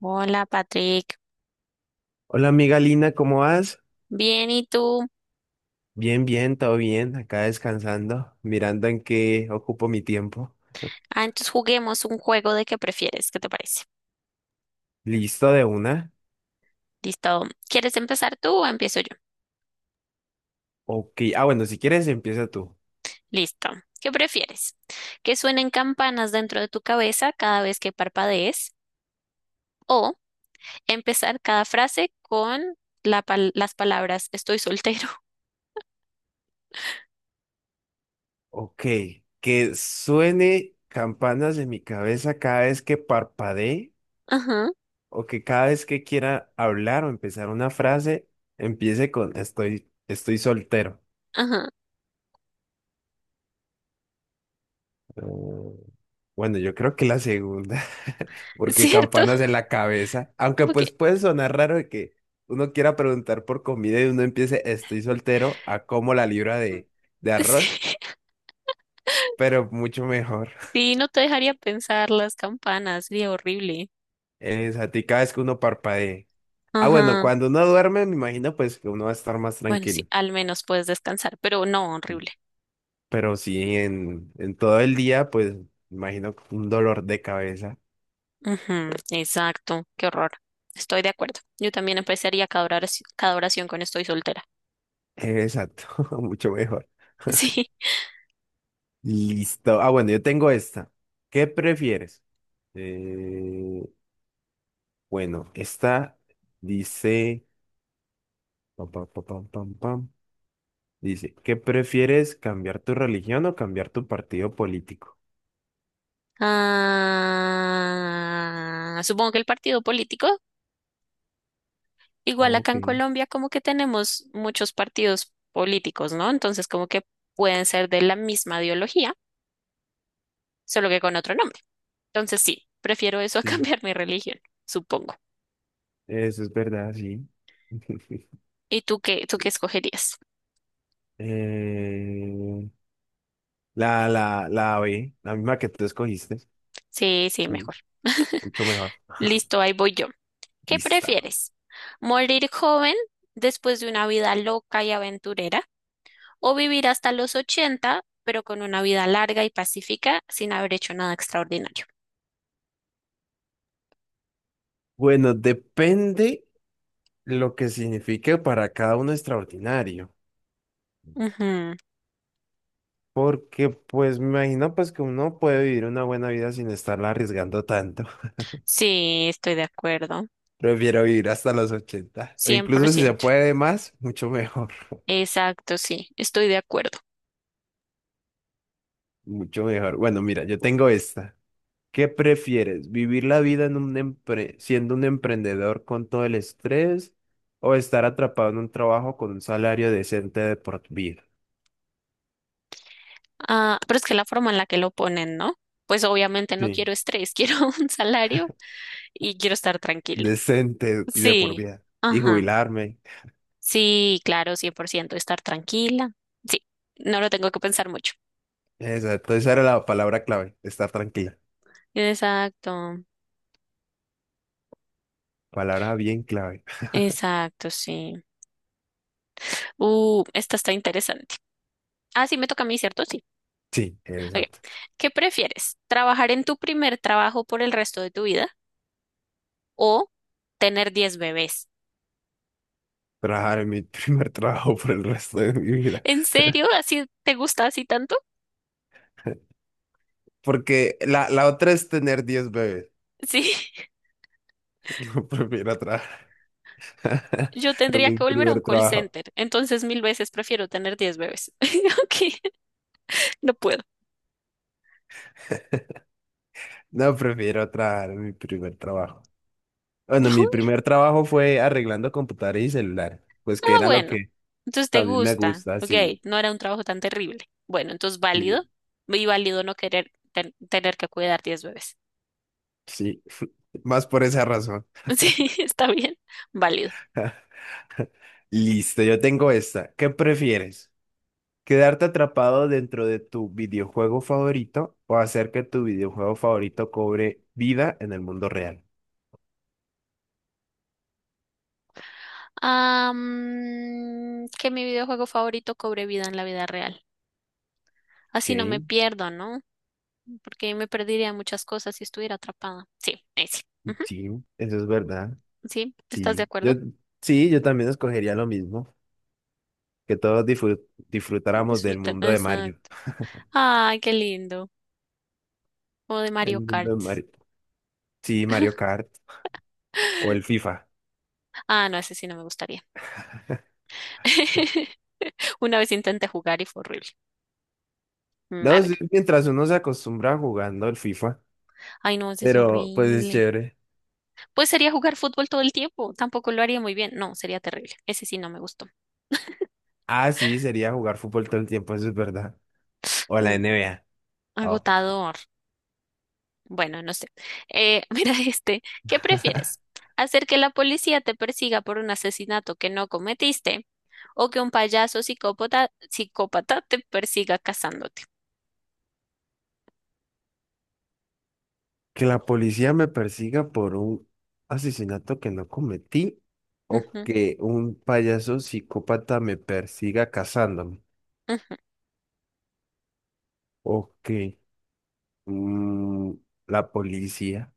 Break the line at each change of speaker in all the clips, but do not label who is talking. Hola, Patrick.
Hola amiga Lina, ¿cómo vas?
Bien, ¿y tú?
Bien, todo bien, acá descansando, mirando en qué ocupo mi tiempo.
Ah, entonces juguemos un juego de qué prefieres. ¿Qué te parece?
¿Listo de una?
Listo. ¿Quieres empezar tú o empiezo yo?
Ok, bueno, si quieres empieza tú.
Listo. ¿Qué prefieres? ¿Que suenen campanas dentro de tu cabeza cada vez que parpadees? ¿O empezar cada frase con las palabras estoy soltero?
Ok, que suene campanas en mi cabeza cada vez que parpadee
Ajá,
o que cada vez que quiera hablar o empezar una frase, empiece con estoy soltero.
ajá.
No. Bueno, yo creo que la segunda, porque
¿Cierto?
campanas en la cabeza, aunque
Como que
pues puede sonar raro de que uno quiera preguntar por comida y uno empiece estoy soltero a como la libra de arroz,
sí.
pero mucho mejor.
Sí, no te dejaría pensar las campanas. Sería horrible.
Es a ti cada vez que uno parpadee. Ah, bueno,
Ajá.
cuando uno duerme, me imagino pues que uno va a estar más
Bueno, sí,
tranquilo,
al menos puedes descansar, pero no, horrible.
pero sí en todo el día, pues me imagino un dolor de cabeza.
Ujú, exacto, qué horror. Estoy de acuerdo. Yo también empezaría cada oración con estoy soltera.
Exacto, mucho mejor.
Sí.
Listo. Ah, bueno, yo tengo esta. ¿Qué prefieres? Eh, bueno, esta dice, pam, pam, pam, pam, pam, pam. Dice, ¿qué prefieres, cambiar tu religión o cambiar tu partido político?
Ah, supongo que el partido político, igual acá
Ok,
en Colombia, como que tenemos muchos partidos políticos, ¿no? Entonces, como que pueden ser de la misma ideología, solo que con otro nombre. Entonces, sí, prefiero eso a
sí,
cambiar mi religión, supongo.
eso es verdad, sí.
¿Y tú qué escogerías?
Eh, la B, la misma que tú escogiste,
Sí, sí,
sí,
mejor.
mucho mejor.
Listo, ahí voy yo. ¿Qué
Lista.
prefieres? ¿Morir joven después de una vida loca y aventurera o vivir hasta los 80 pero con una vida larga y pacífica sin haber hecho nada extraordinario?
Bueno, depende lo que signifique para cada uno extraordinario,
Ujú.
porque pues me imagino pues que uno puede vivir una buena vida sin estarla arriesgando tanto.
Sí, estoy de acuerdo.
Prefiero vivir hasta los 80 o
cien por
incluso si se
ciento,
puede más, mucho mejor,
Exacto, sí, estoy de acuerdo.
mucho mejor. Bueno, mira, yo tengo esta. ¿Qué prefieres? ¿Vivir la vida en un siendo un emprendedor con todo el estrés o estar atrapado en un trabajo con un salario decente de por vida?
Ah, pero es que la forma en la que lo ponen, ¿no? Pues obviamente no
Sí,
quiero estrés, quiero un salario y quiero estar tranquila.
decente y de por
Sí,
vida. Y
ajá.
jubilarme.
Sí, claro, 100% estar tranquila. Sí, no lo tengo que pensar mucho.
Exacto, esa era la palabra clave, estar tranquila.
Exacto,
Palabra bien clave.
exacto, sí. Esta está interesante. Ah, sí, me toca a mí, ¿cierto? Sí.
Sí,
Ok.
exacto.
¿Qué prefieres? ¿Trabajar en tu primer trabajo por el resto de tu vida o tener 10 bebés?
Trabajar en mi primer trabajo por el resto de mi vida.
¿En serio? ¿Así te gusta así tanto?
Porque la otra es tener 10 bebés.
Sí.
No prefiero trabajar
Yo
en
tendría
mi
que volver a un
primer
call
trabajo.
center, entonces mil veces prefiero tener 10 bebés. Ok, no puedo.
No, prefiero trabajar en mi primer trabajo. Bueno, mi primer trabajo fue arreglando computadores y celulares, pues
Ah,
que era lo
bueno,
que
entonces te
también me
gusta.
gusta,
Ok,
sí,
no era un trabajo tan terrible. Bueno, entonces válido.
sí,
Y válido no querer tener que cuidar 10 bebés.
sí, más por esa razón.
Sí, está bien. Válido.
Listo, yo tengo esta. ¿Qué prefieres? ¿Quedarte atrapado dentro de tu videojuego favorito o hacer que tu videojuego favorito cobre vida en el mundo real?
Que mi videojuego favorito cobre vida en la vida real.
Ok,
Así no me pierdo, ¿no? Porque me perdería muchas cosas si estuviera atrapada. Sí, ese. Ujú.
sí, eso es verdad.
Sí, ¿estás de
Sí,
acuerdo?
sí, yo también escogería lo mismo. Que todos disfrutáramos del
Disfruta.
mundo de Mario.
Exacto. Ay, qué lindo. O de
El
Mario
mundo
Kart.
de Mario. Sí, Mario Kart o el FIFA.
Ah, no, ese sí no me gustaría. Una vez intenté jugar y fue horrible. A
No,
ver,
sí, mientras uno se acostumbra jugando el FIFA,
ay no, ese es
pero pues es
horrible.
chévere.
Pues sería jugar fútbol todo el tiempo, tampoco lo haría muy bien. No, sería terrible. Ese sí no me gustó.
Ah, sí, sería jugar fútbol todo el tiempo, eso es verdad. O la
Mm,
NBA. Oh.
Agotador. Bueno, no sé. Mira este, ¿qué prefieres? ¿Hacer que la policía te persiga por un asesinato que no cometiste o que un payaso psicópata te persiga cazándote?
Que la policía me persiga por un asesinato que no cometí o
Ujú,
que un payaso psicópata me persiga cazándome.
ujú.
O que mm, la policía.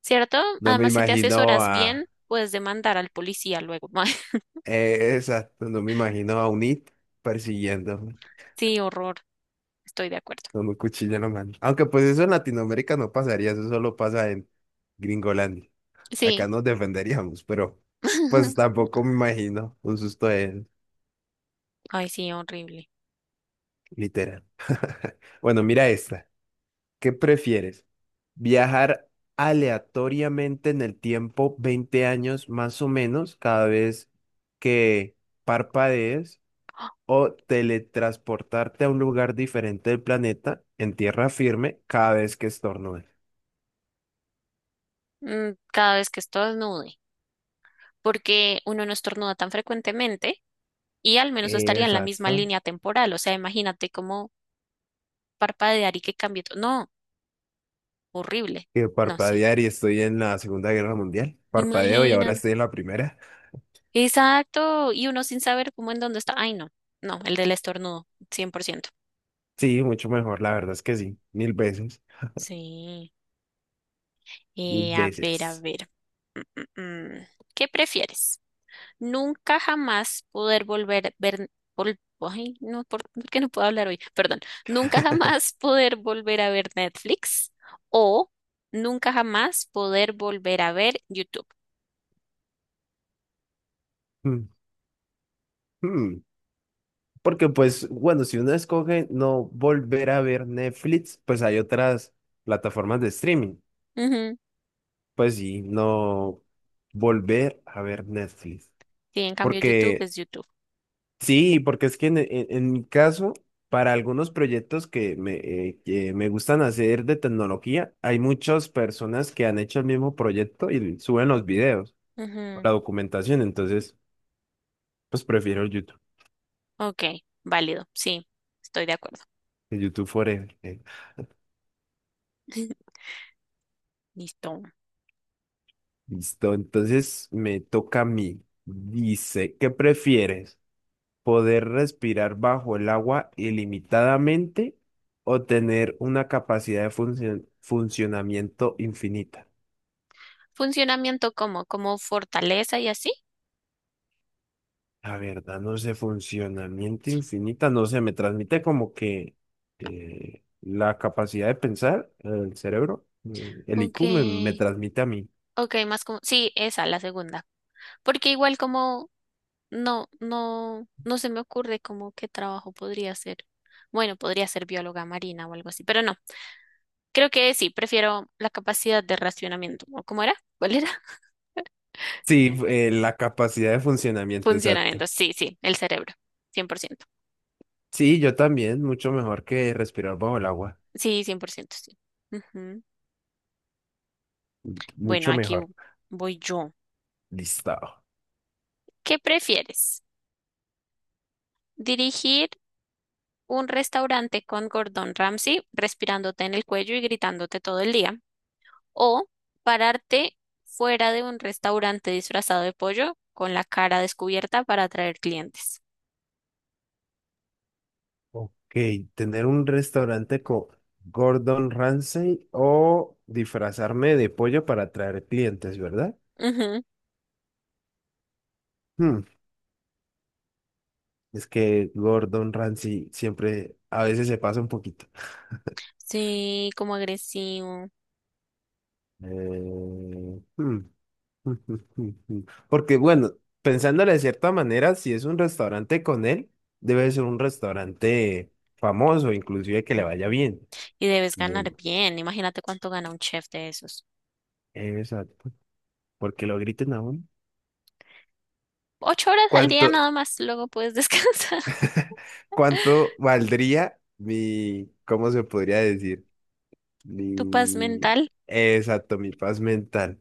¿Cierto?
No me
Además, si te
imagino
asesoras bien,
a...
puedes demandar al policía luego.
exacto, no me imagino a Unit persiguiéndome
Sí, horror. Estoy de acuerdo.
con un cuchillo en la mano. Aunque pues eso en Latinoamérica no pasaría, eso solo pasa en Gringolandia. Acá
Sí.
nos defenderíamos, pero pues tampoco me imagino un susto de él,
Ay, sí, horrible.
literal. Bueno, mira esta. ¿Qué prefieres? ¿Viajar aleatoriamente en el tiempo 20 años más o menos cada vez que parpadees? ¿O teletransportarte a un lugar diferente del planeta en tierra firme cada vez que estornudes?
Cada vez que estornude, porque uno no estornuda tan frecuentemente y al menos no estaría en la misma
Exacto.
línea temporal. O sea, imagínate cómo parpadear y que cambie todo. No, horrible.
Y
No sé.
parpadear y estoy en la Segunda Guerra Mundial. Parpadeo y ahora
Imagina.
estoy en la primera.
Exacto. Y uno sin saber cómo en dónde está. Ay, no. No, el del estornudo, 100%.
Sí, mucho mejor, la verdad es que sí. Mil veces.
Sí.
Mil
A ver, a
veces.
ver. Mm, mm. ¿Qué prefieres? Nunca jamás poder volver ver vol- ay, no, ¿por qué no puedo hablar hoy? Perdón. Nunca jamás poder volver a ver Netflix o nunca jamás poder volver a ver YouTube.
Mm, mm. Porque pues, bueno, si uno escoge no volver a ver Netflix, pues hay otras plataformas de streaming.
Ujú.
Pues sí, no volver a ver Netflix.
Sí, en cambio YouTube
Porque
es YouTube.
sí, porque es que en mi caso, para algunos proyectos que que me gustan hacer de tecnología, hay muchas personas que han hecho el mismo proyecto y suben los videos,
Ujú.
la documentación, entonces, pues prefiero
Ok, válido. Sí, estoy de acuerdo.
el YouTube Forever.
Listo.
Listo, entonces me toca a mí. Dice, ¿qué prefieres? ¿Poder respirar bajo el agua ilimitadamente o tener una capacidad de funcionamiento infinita?
Funcionamiento como fortaleza y así.
La verdad, no sé, funcionamiento
Sí.
infinita, no sé, me transmite como que la capacidad de pensar, el cerebro, el
Ok.
IQ me transmite a mí.
Ok, más como, sí, esa, la segunda. Porque igual como. No, no, no se me ocurre como qué trabajo podría ser. Bueno, podría ser bióloga marina o algo así, pero no. Creo que sí, prefiero la capacidad de racionamiento. ¿O cómo era? ¿Cuál era?
Sí, la capacidad de funcionamiento exacta.
Funcionamiento. Sí, sí, el cerebro. 100%.
Sí, yo también, mucho mejor que respirar bajo el agua,
Sí, 100%, sí. Ujú. Bueno,
mucho
aquí
mejor.
voy yo.
Listo.
¿Qué prefieres? ¿Dirigir un restaurante con Gordon Ramsay respirándote en el cuello y gritándote todo el día? O pararte fuera de un restaurante disfrazado de pollo con la cara descubierta para atraer clientes.
Ok, tener un restaurante con Gordon Ramsay o disfrazarme de pollo para atraer clientes, ¿verdad?
Ujú.
Hmm, es que Gordon Ramsay siempre, a veces se pasa un poquito.
Sí, como agresivo.
Eh, hmm, hmm, hmm, hmm, hmm. Porque bueno, pensándolo de cierta manera, si es un restaurante con él, debe ser un restaurante famoso, inclusive que le vaya
Ujú.
bien.
Y debes
De-
ganar bien. Imagínate cuánto gana un chef de esos.
Exacto. Porque lo griten aún.
8 horas al
¿Cuánto,
día nada más, luego puedes descansar.
¿cuánto valdría mi, cómo se podría decir?
¿Tu paz
Mi,
mental?
exacto, mi paz mental.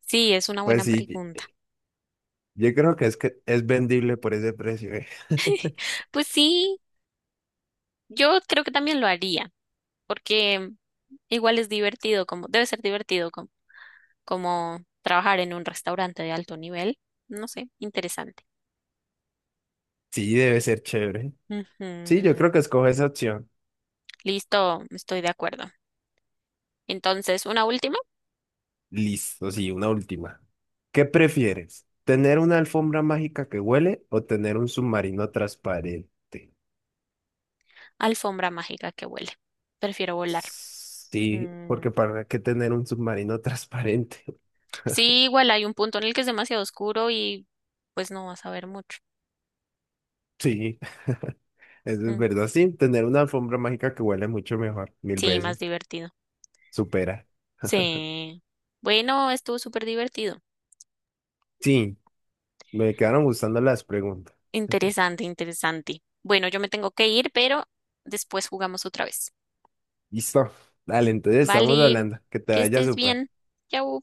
Sí, es una
Pues
buena
sí,
pregunta.
yo creo que es vendible por ese precio, eh.
Pues sí, yo creo que también lo haría. Porque igual es divertido, como debe ser divertido como trabajar en un restaurante de alto nivel. No sé, interesante.
Sí, debe ser chévere. Sí, yo
Ujú.
creo que escoge esa opción.
Listo, estoy de acuerdo. Entonces, una última,
Listo, sí, una última. ¿Qué prefieres? ¿Tener una alfombra mágica que huele o tener un submarino transparente?
alfombra mágica que huele. Prefiero volar.
Sí,
Mm,
porque ¿para qué tener un submarino transparente?
Sí, igual hay un punto en el que es demasiado oscuro y pues no vas a ver mucho.
Sí, eso es
Mm,
verdad. Sí, tener una alfombra mágica que huele mucho mejor, mil
Sí, más
veces.
divertido.
Supera.
Sí. Bueno, estuvo súper divertido.
Sí, me quedaron gustando las preguntas.
Interesante, interesante. Bueno, yo me tengo que ir, pero después jugamos otra vez.
Listo. Dale, entonces estamos
Vale,
hablando. Que te
que
vaya
estés
súper.
bien. Chao.